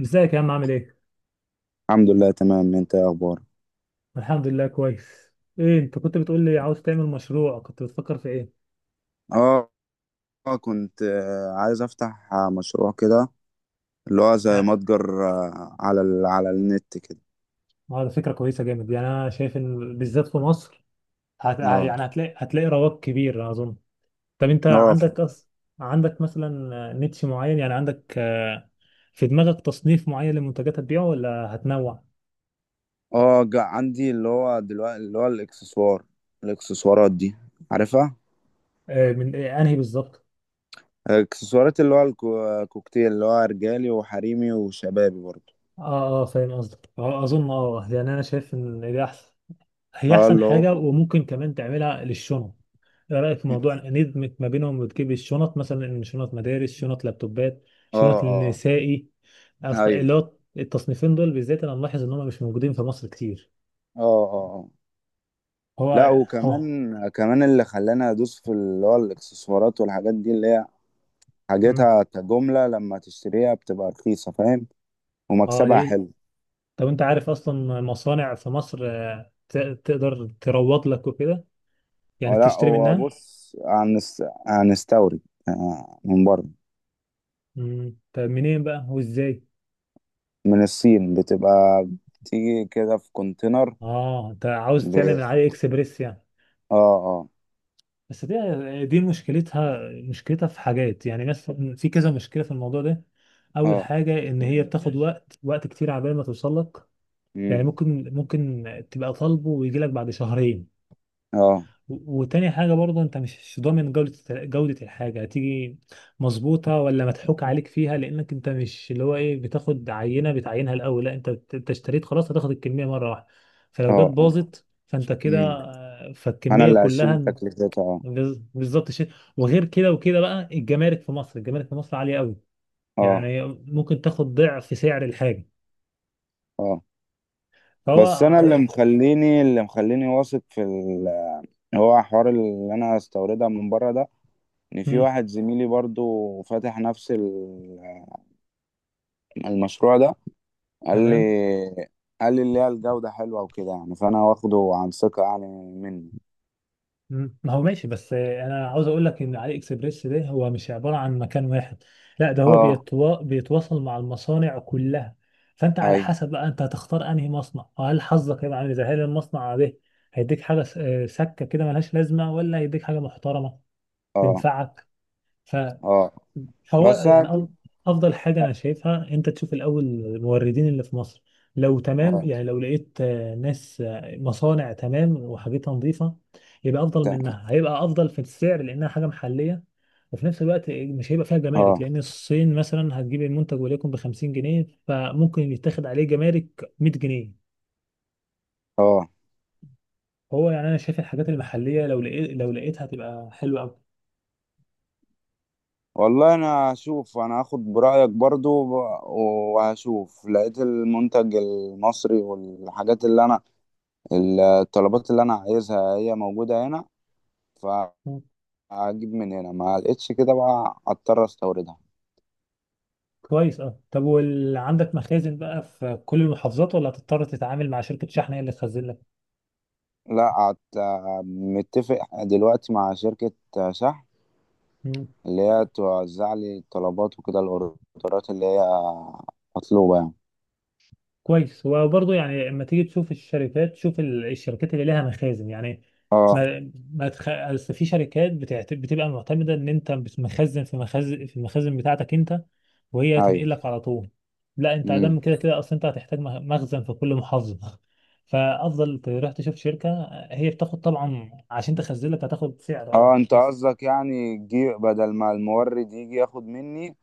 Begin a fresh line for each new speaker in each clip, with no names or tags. ازيك يا عم عامل ايه؟
الحمد لله تمام، انت ايه اخبارك؟
الحمد لله كويس. ايه انت كنت بتقول لي عاوز تعمل مشروع كنت بتفكر في ايه؟
اه كنت عايز افتح مشروع كده. اللي هو زي
اه.
متجر، على النت كده.
ده فكرة كويسة جامد، يعني انا شايف ان بالذات في مصر
اه
يعني هتلاقي رواج كبير اظن. طب انت
اه ف-
عندك عندك مثلا نيتش معين، يعني عندك في دماغك تصنيف معين لمنتجات هتبيعه ولا هتنوع؟
عندي اللي هو دلوقتي اللي هو الاكسسوار، الاكسسوارات دي، عارفها؟
من إيه؟ انهي بالظبط؟
الاكسسوارات، اللي هو الكوكتيل، اللي هو رجالي وحريمي وشبابي برضه.
اه اه فاهم قصدك، اظن اه يعني انا شايف ان ده احسن، هي
اه
احسن
اللي هو. اه
حاجه، وممكن كمان تعملها للشنط. ايه رايك في موضوع ندمج ما بينهم وتجيب الشنط، مثلا إن شنط مدارس، شنط لابتوبات، شنط
اه
للنسائي.
آه.
اصل
ايوه.
اللي هو التصنيفين دول بالذات انا ملاحظ ان هم مش موجودين في مصر كتير.
اه اه آه.
هو
لا،
هو.
وكمان اللي خلاني ادوس في اللي هو الاكسسوارات والحاجات دي، اللي هي
مم.
حاجتها كجملة، لما تشتريها بتبقى رخيصة. فاهم؟
اه
ومكسبها
ليه.
حلو.
طب انت عارف اصلا مصانع في مصر تقدر تروض لك وكده، يعني
هو، لا،
تشتري
هو
منها.
بص، هنستورد من بره.
مم. طب منين بقى وازاي؟
من الصين بتبقى، بتيجي كده في كونتينر.
اه انت عاوز تعمل
ب...
من علي اكسبريس يعني.
اه اه
بس دي مشكلتها في حاجات، يعني مثلا في كذا مشكلة في الموضوع ده. أول
اه
حاجة إن هي بتاخد وقت كتير عبال ما توصل لك، يعني
مم.
ممكن تبقى طالبه ويجي لك بعد شهرين.
اه
وتاني حاجة برضه أنت مش ضامن جودة الحاجة، هتيجي مظبوطة ولا مضحوك عليك فيها، لأنك أنت مش اللي هو إيه بتاخد عينة بتعينها الأول، لا أنت أنت اشتريت خلاص، هتاخد الكمية مرة واحدة، فلو جت
اه اه
باظت فأنت كده
مم. انا
فالكمية
اللي هشيل
كلها.
تكلفتها. اه
بالظبط شيء. وغير كده وكده بقى الجمارك في مصر عالية قوي،
اه
يعني ممكن تاخد ضعف سعر الحاجة.
اه
فهو.
بس انا اللي مخليني واثق في ال... هو حوار اللي انا هستوردها من بره ده، ان في
مم.
واحد زميلي برضو فاتح نفس المشروع ده. قال لي
تمام.
قال لي اللي هي الجودة حلوة وكده يعني، فأنا واخده عن ثقة يعني، مني.
مم. ما هو ماشي، بس انا عاوز اقول لك ان علي اكسبريس ده هو مش عبارة عن مكان واحد، لا ده هو
اه
بيتواصل مع المصانع كلها، فانت على
أيوه.
حسب بقى انت هتختار انهي مصنع، وهل حظك هيبقى عامل ازاي، هل المصنع ده هيديك حاجة سكة كده ملهاش لازمة، ولا هيديك حاجة محترمة
اه
تنفعك.
اه
هو
بس
يعني
أنا-
افضل حاجه انا شايفها انت تشوف الاول الموردين اللي في مصر، لو تمام،
اه
يعني لو لقيت ناس مصانع تمام وحاجتها نظيفه، يبقى افضل
تا-
منها، هيبقى افضل في السعر لانها حاجه محليه، وفي نفس الوقت مش هيبقى فيها جمارك،
اه
لان الصين مثلا هتجيب المنتج وليكن ب 50 جنيه، فممكن يتاخد عليه جمارك 100 جنيه.
اه
هو يعني انا شايف الحاجات المحليه لو لقيت لو لقيتها هتبقى حلوه قوي.
والله، انا هشوف، انا هاخد برأيك برضو، وهشوف، لقيت المنتج المصري والحاجات اللي انا، الطلبات اللي انا عايزها هي موجودة هنا، فهجيب من هنا. ما لقيتش كده بقى اضطر استوردها.
كويس. اه طب عندك مخازن بقى في كل المحافظات ولا هتضطر تتعامل مع شركة شحن هي اللي تخزن لك؟
لا، متفق دلوقتي مع شركة شحن،
مم.
اللي هي توزع لي الطلبات وكده، الاوردرات اللي هي مطلوبة يعني.
كويس، وبرضه يعني لما تيجي تشوف الشركات شوف الشركات اللي لها مخازن، يعني
اه
ما ما تخ... أصل في شركات بتبقى معتمدة ان انت مخزن في المخازن بتاعتك انت، وهي هتنقل
ايوه.
لك على طول. لا انت
امم.
ادم كده كده اصلا، انت هتحتاج مخزن في كل محافظة فافضل تروح تشوف شركة، هي بتاخد طبعا عشان تخزن لك، هتاخد سعر
اه
اه
انت
بس.
قصدك يعني تجي بدل ما المورد يجي ياخد مني،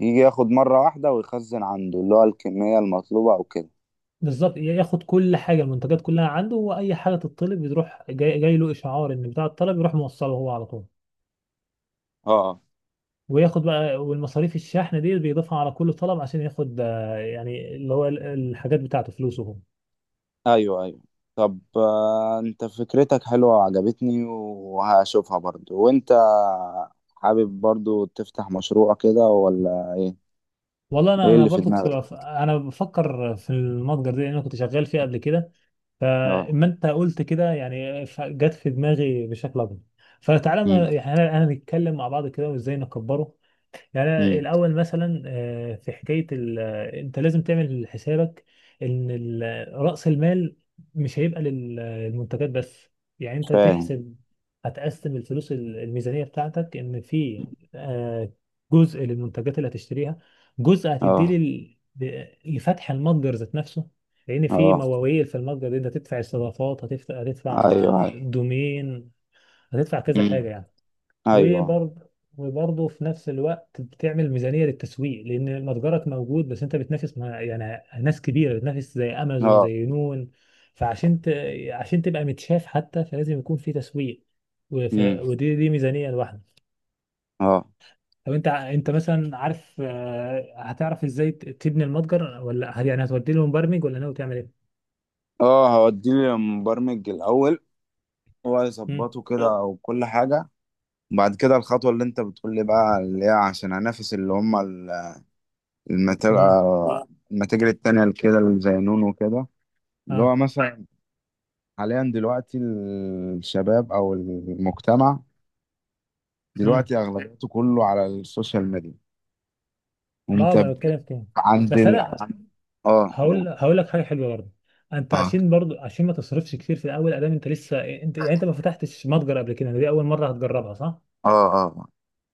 يجي ياخد مرة واحدة ويخزن عنده اللي هو الكمية المطلوبة، او كده.
بالظبط، ياخد كل حاجه، المنتجات كلها عنده، واي حاجه تطلب يروح جاي له اشعار ان بتاع الطلب، يروح موصله هو على طول،
اه
وياخد بقى، والمصاريف الشحن دي بيضيفها على كل طلب عشان ياخد يعني اللي هو الحاجات بتاعته فلوسه هو.
ايوه، ايوه. طب، انت فكرتك حلوة وعجبتني، وهشوفها برضو. وانت حابب برضو تفتح مشروع كده ولا ايه؟
والله انا
إيه
انا
اللي في
برضو كنت
دماغك؟
انا بفكر في المتجر ده، لان انا كنت شغال فيه قبل كده،
آه.
فاما انت قلت كده يعني جت في دماغي بشكل اكبر. فتعالى
إمم.
يعني انا نتكلم مع بعض كده وازاي نكبره. يعني أنا
إمم.
الأول مثلا آه، في حكاية ال... آه، أنت لازم تعمل حسابك إن رأس المال مش هيبقى للمنتجات بس، يعني أنت
فاهم.
تحسب هتقسم الفلوس الميزانية بتاعتك إن في آه، جزء للمنتجات اللي هتشتريها، جزء هتديه
آه.
لفتح المتجر ذات نفسه، لأن في
آه.
مواويل في المتجر دي أنت هتدفع استضافات، هتدفع
أيوه.
هتدفع
أيوه.
دومين، هتدفع كذا
إمم.
حاجة يعني.
أيوه.
وبرضه وبرضه في نفس الوقت بتعمل ميزانية للتسويق، لأن متجرك موجود بس أنت بتنافس مع يعني ناس كبيرة، بتنافس زي أمازون
آه.
زي نون، فعشان عشان تبقى متشاف حتى، فلازم يكون في تسويق،
إمم.
ودي ميزانية لوحدها.
آه.
طب أنت أنت مثلا عارف هتعرف إزاي تبني المتجر، ولا هل يعني هتودي له مبرمج، ولا ناوي تعمل إيه؟
آه. هاودّيه للمبرمج الأول، هو
مم.
هيضبّطه كده وكل حاجة. وبعد كده الخطوة اللي أنت بتقول لي بقى، اللي هي عشان أنافس اللي هم ال المتا
مم.
آه، المتاجر التانية اللي كده، اللي زي نونو وكده. اللي
آه.
هو مثلًا حاليًا دلوقتي، الشباب أو المجتمع
مم.
دلوقتي أغلبيته كُلّه على السوشيال ميديا.
ما
انت
هو بتكلم
ب-
في كده،
عند
بس
ال...
أنا
عن- اه
هقول
قول.
هقول لك حاجه حلوه برضه. انت
اه
عشان برضه عشان ما تصرفش كتير في الاول، ادام انت لسه إيه، انت يعني انت ما فتحتش متجر قبل كده، دي اول مره هتجربها صح.
اه اه اه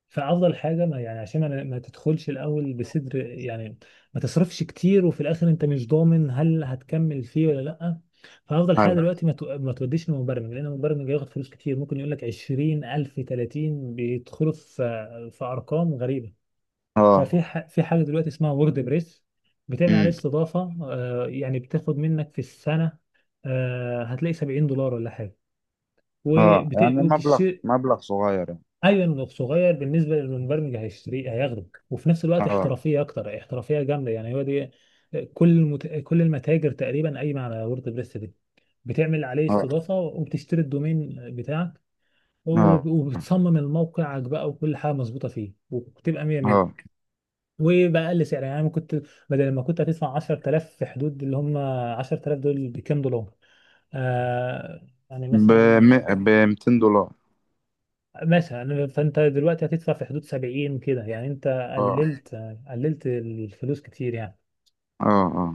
فافضل حاجه ما يعني عشان ما تدخلش الاول بصدر يعني، ما تصرفش كتير، وفي الاخر انت مش ضامن هل هتكمل فيه ولا لا. فافضل حاجه
أيوة.
دلوقتي ما توديش لمبرمج، لان المبرمج هياخد فلوس كتير، ممكن يقول لك 20,000، 30، بيدخلوا في ارقام غريبه.
اه
في حاجه دلوقتي اسمها وورد بريس، بتعمل عليه
امم.
استضافه، يعني بتاخد منك في السنه، هتلاقي 70 دولار ولا حاجه،
اه يعني مبلغ
وبتشتري.
مبلغ صغير يعني.
ايون، صغير بالنسبه للمبرمج هيشتري، هياخده وفي نفس الوقت
اه
احترافيه اكتر، احترافيه جامده يعني، هو دي كل المتاجر تقريبا قايمه على وورد بريس دي، بتعمل عليه
اه
استضافه وبتشتري الدومين بتاعك،
اه
وبتصمم الموقعك بقى وكل حاجه مظبوطه فيه، وبتبقى 100 100
اه
وبأقل سعر يعني، انا كنت بدل ما كنت هتدفع 10,000، في حدود اللي هم 10,000 دول بكام دولار يعني
ب
مثلا
ب $200.
مثلا فانت دلوقتي هتدفع في حدود 70 كده، يعني انت
اه
قللت الفلوس كتير يعني.
اه اه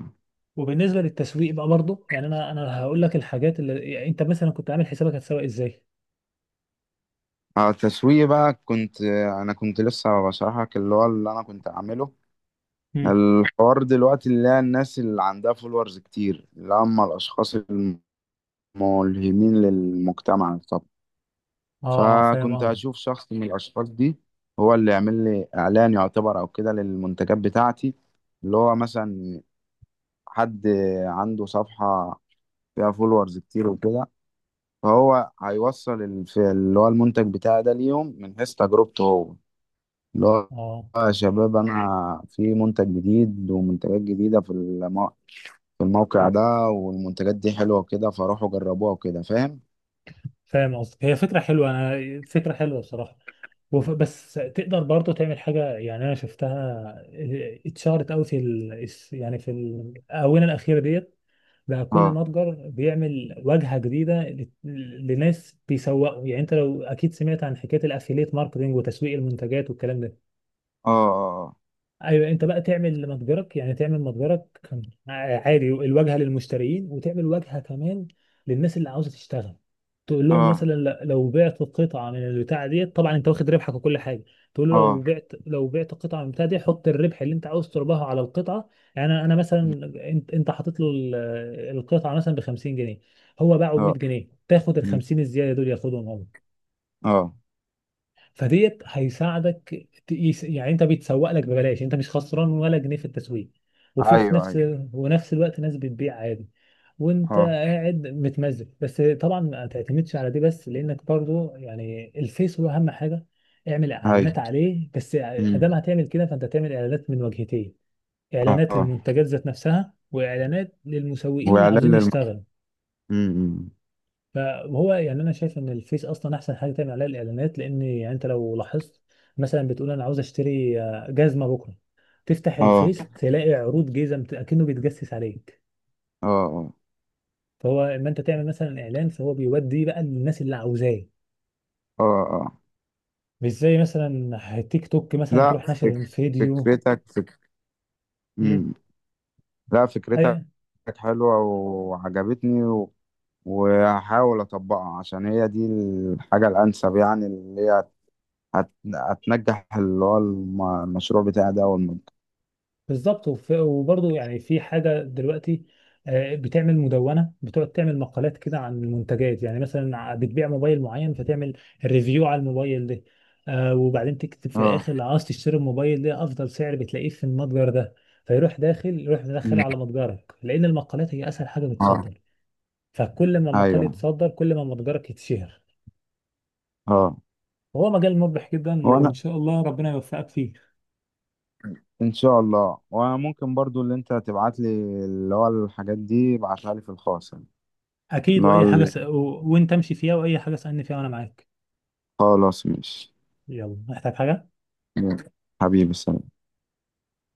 وبالنسبه للتسويق بقى برضه، يعني انا هقول لك الحاجات اللي يعني انت مثلا كنت عامل حسابك هتسوق ازاي.
اه تسويق بقى. انا كنت لسه بشرحك اللي هو اللي انا كنت اعمله.
مم.
الحوار دلوقتي اللي هي، الناس اللي عندها فولورز كتير، اللي هم الاشخاص الملهمين للمجتمع.
اه اه فاهم
فكنت
قصدي.
اشوف شخص من الاشخاص دي، هو اللي يعمل لي اعلان يعتبر، او كده، للمنتجات بتاعتي. اللي هو مثلا، حد عنده صفحة فيها فولورز كتير وكده، فهو هيوصل اللي هو المنتج بتاعي ده ليهم، من حيث تجربته هو، اللي هو
اه
يا شباب، انا في منتج جديد ومنتجات جديدة في في الموقع ده، والمنتجات دي حلوة وكده، فروحوا جربوها وكده. فاهم؟
فاهم قصدك، هي فكرة حلوة، أنا فكرة حلوة بصراحة، بس تقدر برضو تعمل حاجة، يعني أنا شفتها اتشهرت أوي في يعني في الآونة الأخيرة ديت، بقى كل
اه
متجر بيعمل واجهة جديدة لناس بيسوقوا، يعني أنت لو أكيد سمعت عن حكاية الأفيليت ماركتينج وتسويق المنتجات والكلام ده.
اه
ايوه انت بقى تعمل متجرك، يعني تعمل متجرك كان عادي الواجهه للمشترين، وتعمل واجهه كمان للناس اللي عاوزه تشتغل، تقول لهم
اه
مثلا لو بعت قطعه من البتاعه ديت، طبعا انت واخد ربحك وكل حاجه، تقول له لو
اه
بعت لو بعت قطعه من البتاعه دي حط الربح اللي انت عاوز تربحه على القطعه، يعني انا مثلا، انت حاطط له القطعه مثلا ب 50 جنيه، هو باعه ب
اه
100
اه
جنيه تاخد ال 50 الزياده دول ياخدهم هو.
اه اه
فديت هيساعدك يعني انت بيتسوق لك ببلاش، انت مش خسران ولا جنيه في التسويق، وفي في
أيوه،
نفس
أيوه،
ونفس الوقت ناس بتبيع عادي، وانت
آه،
قاعد متمزج، بس طبعا ما تعتمدش على دي بس، لانك برضو يعني الفيس هو اهم حاجه، اعمل اعلانات
أيوه،
عليه، بس ادام
إمم،
هتعمل كده فانت تعمل اعلانات من وجهتين،
آه،
اعلانات
آه.
للمنتجات ذات نفسها، واعلانات للمسوقين اللي
وإعلان
عاوزين
للم
يشتغلوا.
إمم، إمم،
فهو يعني انا شايف ان الفيس اصلا احسن حاجه تعمل عليها الاعلانات، لان يعني انت لو لاحظت مثلا بتقول انا عاوز اشتري جزمه بكره، تفتح
آه،
الفيس تلاقي عروض جزم اكنه بيتجسس عليك،
آه، آه،
فهو اما انت تعمل مثلا اعلان فهو بيودي بقى للناس اللي عاوزاه،
آه، آه.
مش زي مثلا تيك توك مثلا
لأ،
تروح ناشر
فك
الفيديو.
فكرتك فك إمم، لأ، فكرتك
مم.
حلوة وعجبتني، وهاحاول أطبّقها، عشان هي دي الحاجة الأنسب يعني، اللي هي هت هتنجّح اللي هو المشروع بتاعي ده أول ما يبدأ.
بالظبط. وبرضه يعني في حاجة دلوقتي، بتعمل مدونة، بتقعد تعمل مقالات كده عن المنتجات، يعني مثلا بتبيع موبايل معين فتعمل ريفيو على الموبايل ده، وبعدين تكتب في
آه.
الآخر لو عاوز تشتري الموبايل ده أفضل سعر بتلاقيه في المتجر ده، فيروح داخل، يروح مدخله
إمم.
على متجرك، لأن المقالات هي أسهل حاجة
آه.
بتصدر، فكل ما مقال
أيوه.
يتصدر كل ما متجرك يتشهر،
آه.
وهو مجال مربح جدا، وإن
وأنا،
شاء الله ربنا يوفقك فيه.
ان شاء الله. وممكن برضو اللي انت تبعت لي، اللي هو الحاجات دي، ابعتها لي في الخاص يعني.
أكيد،
اللي هو
وأي حاجة
ال-
وأنت امشي فيها، وأي حاجة سألني فيها وأنا معاك.
خلاص، ماشي،
يلا محتاج حاجة؟
حبيبي، سلام.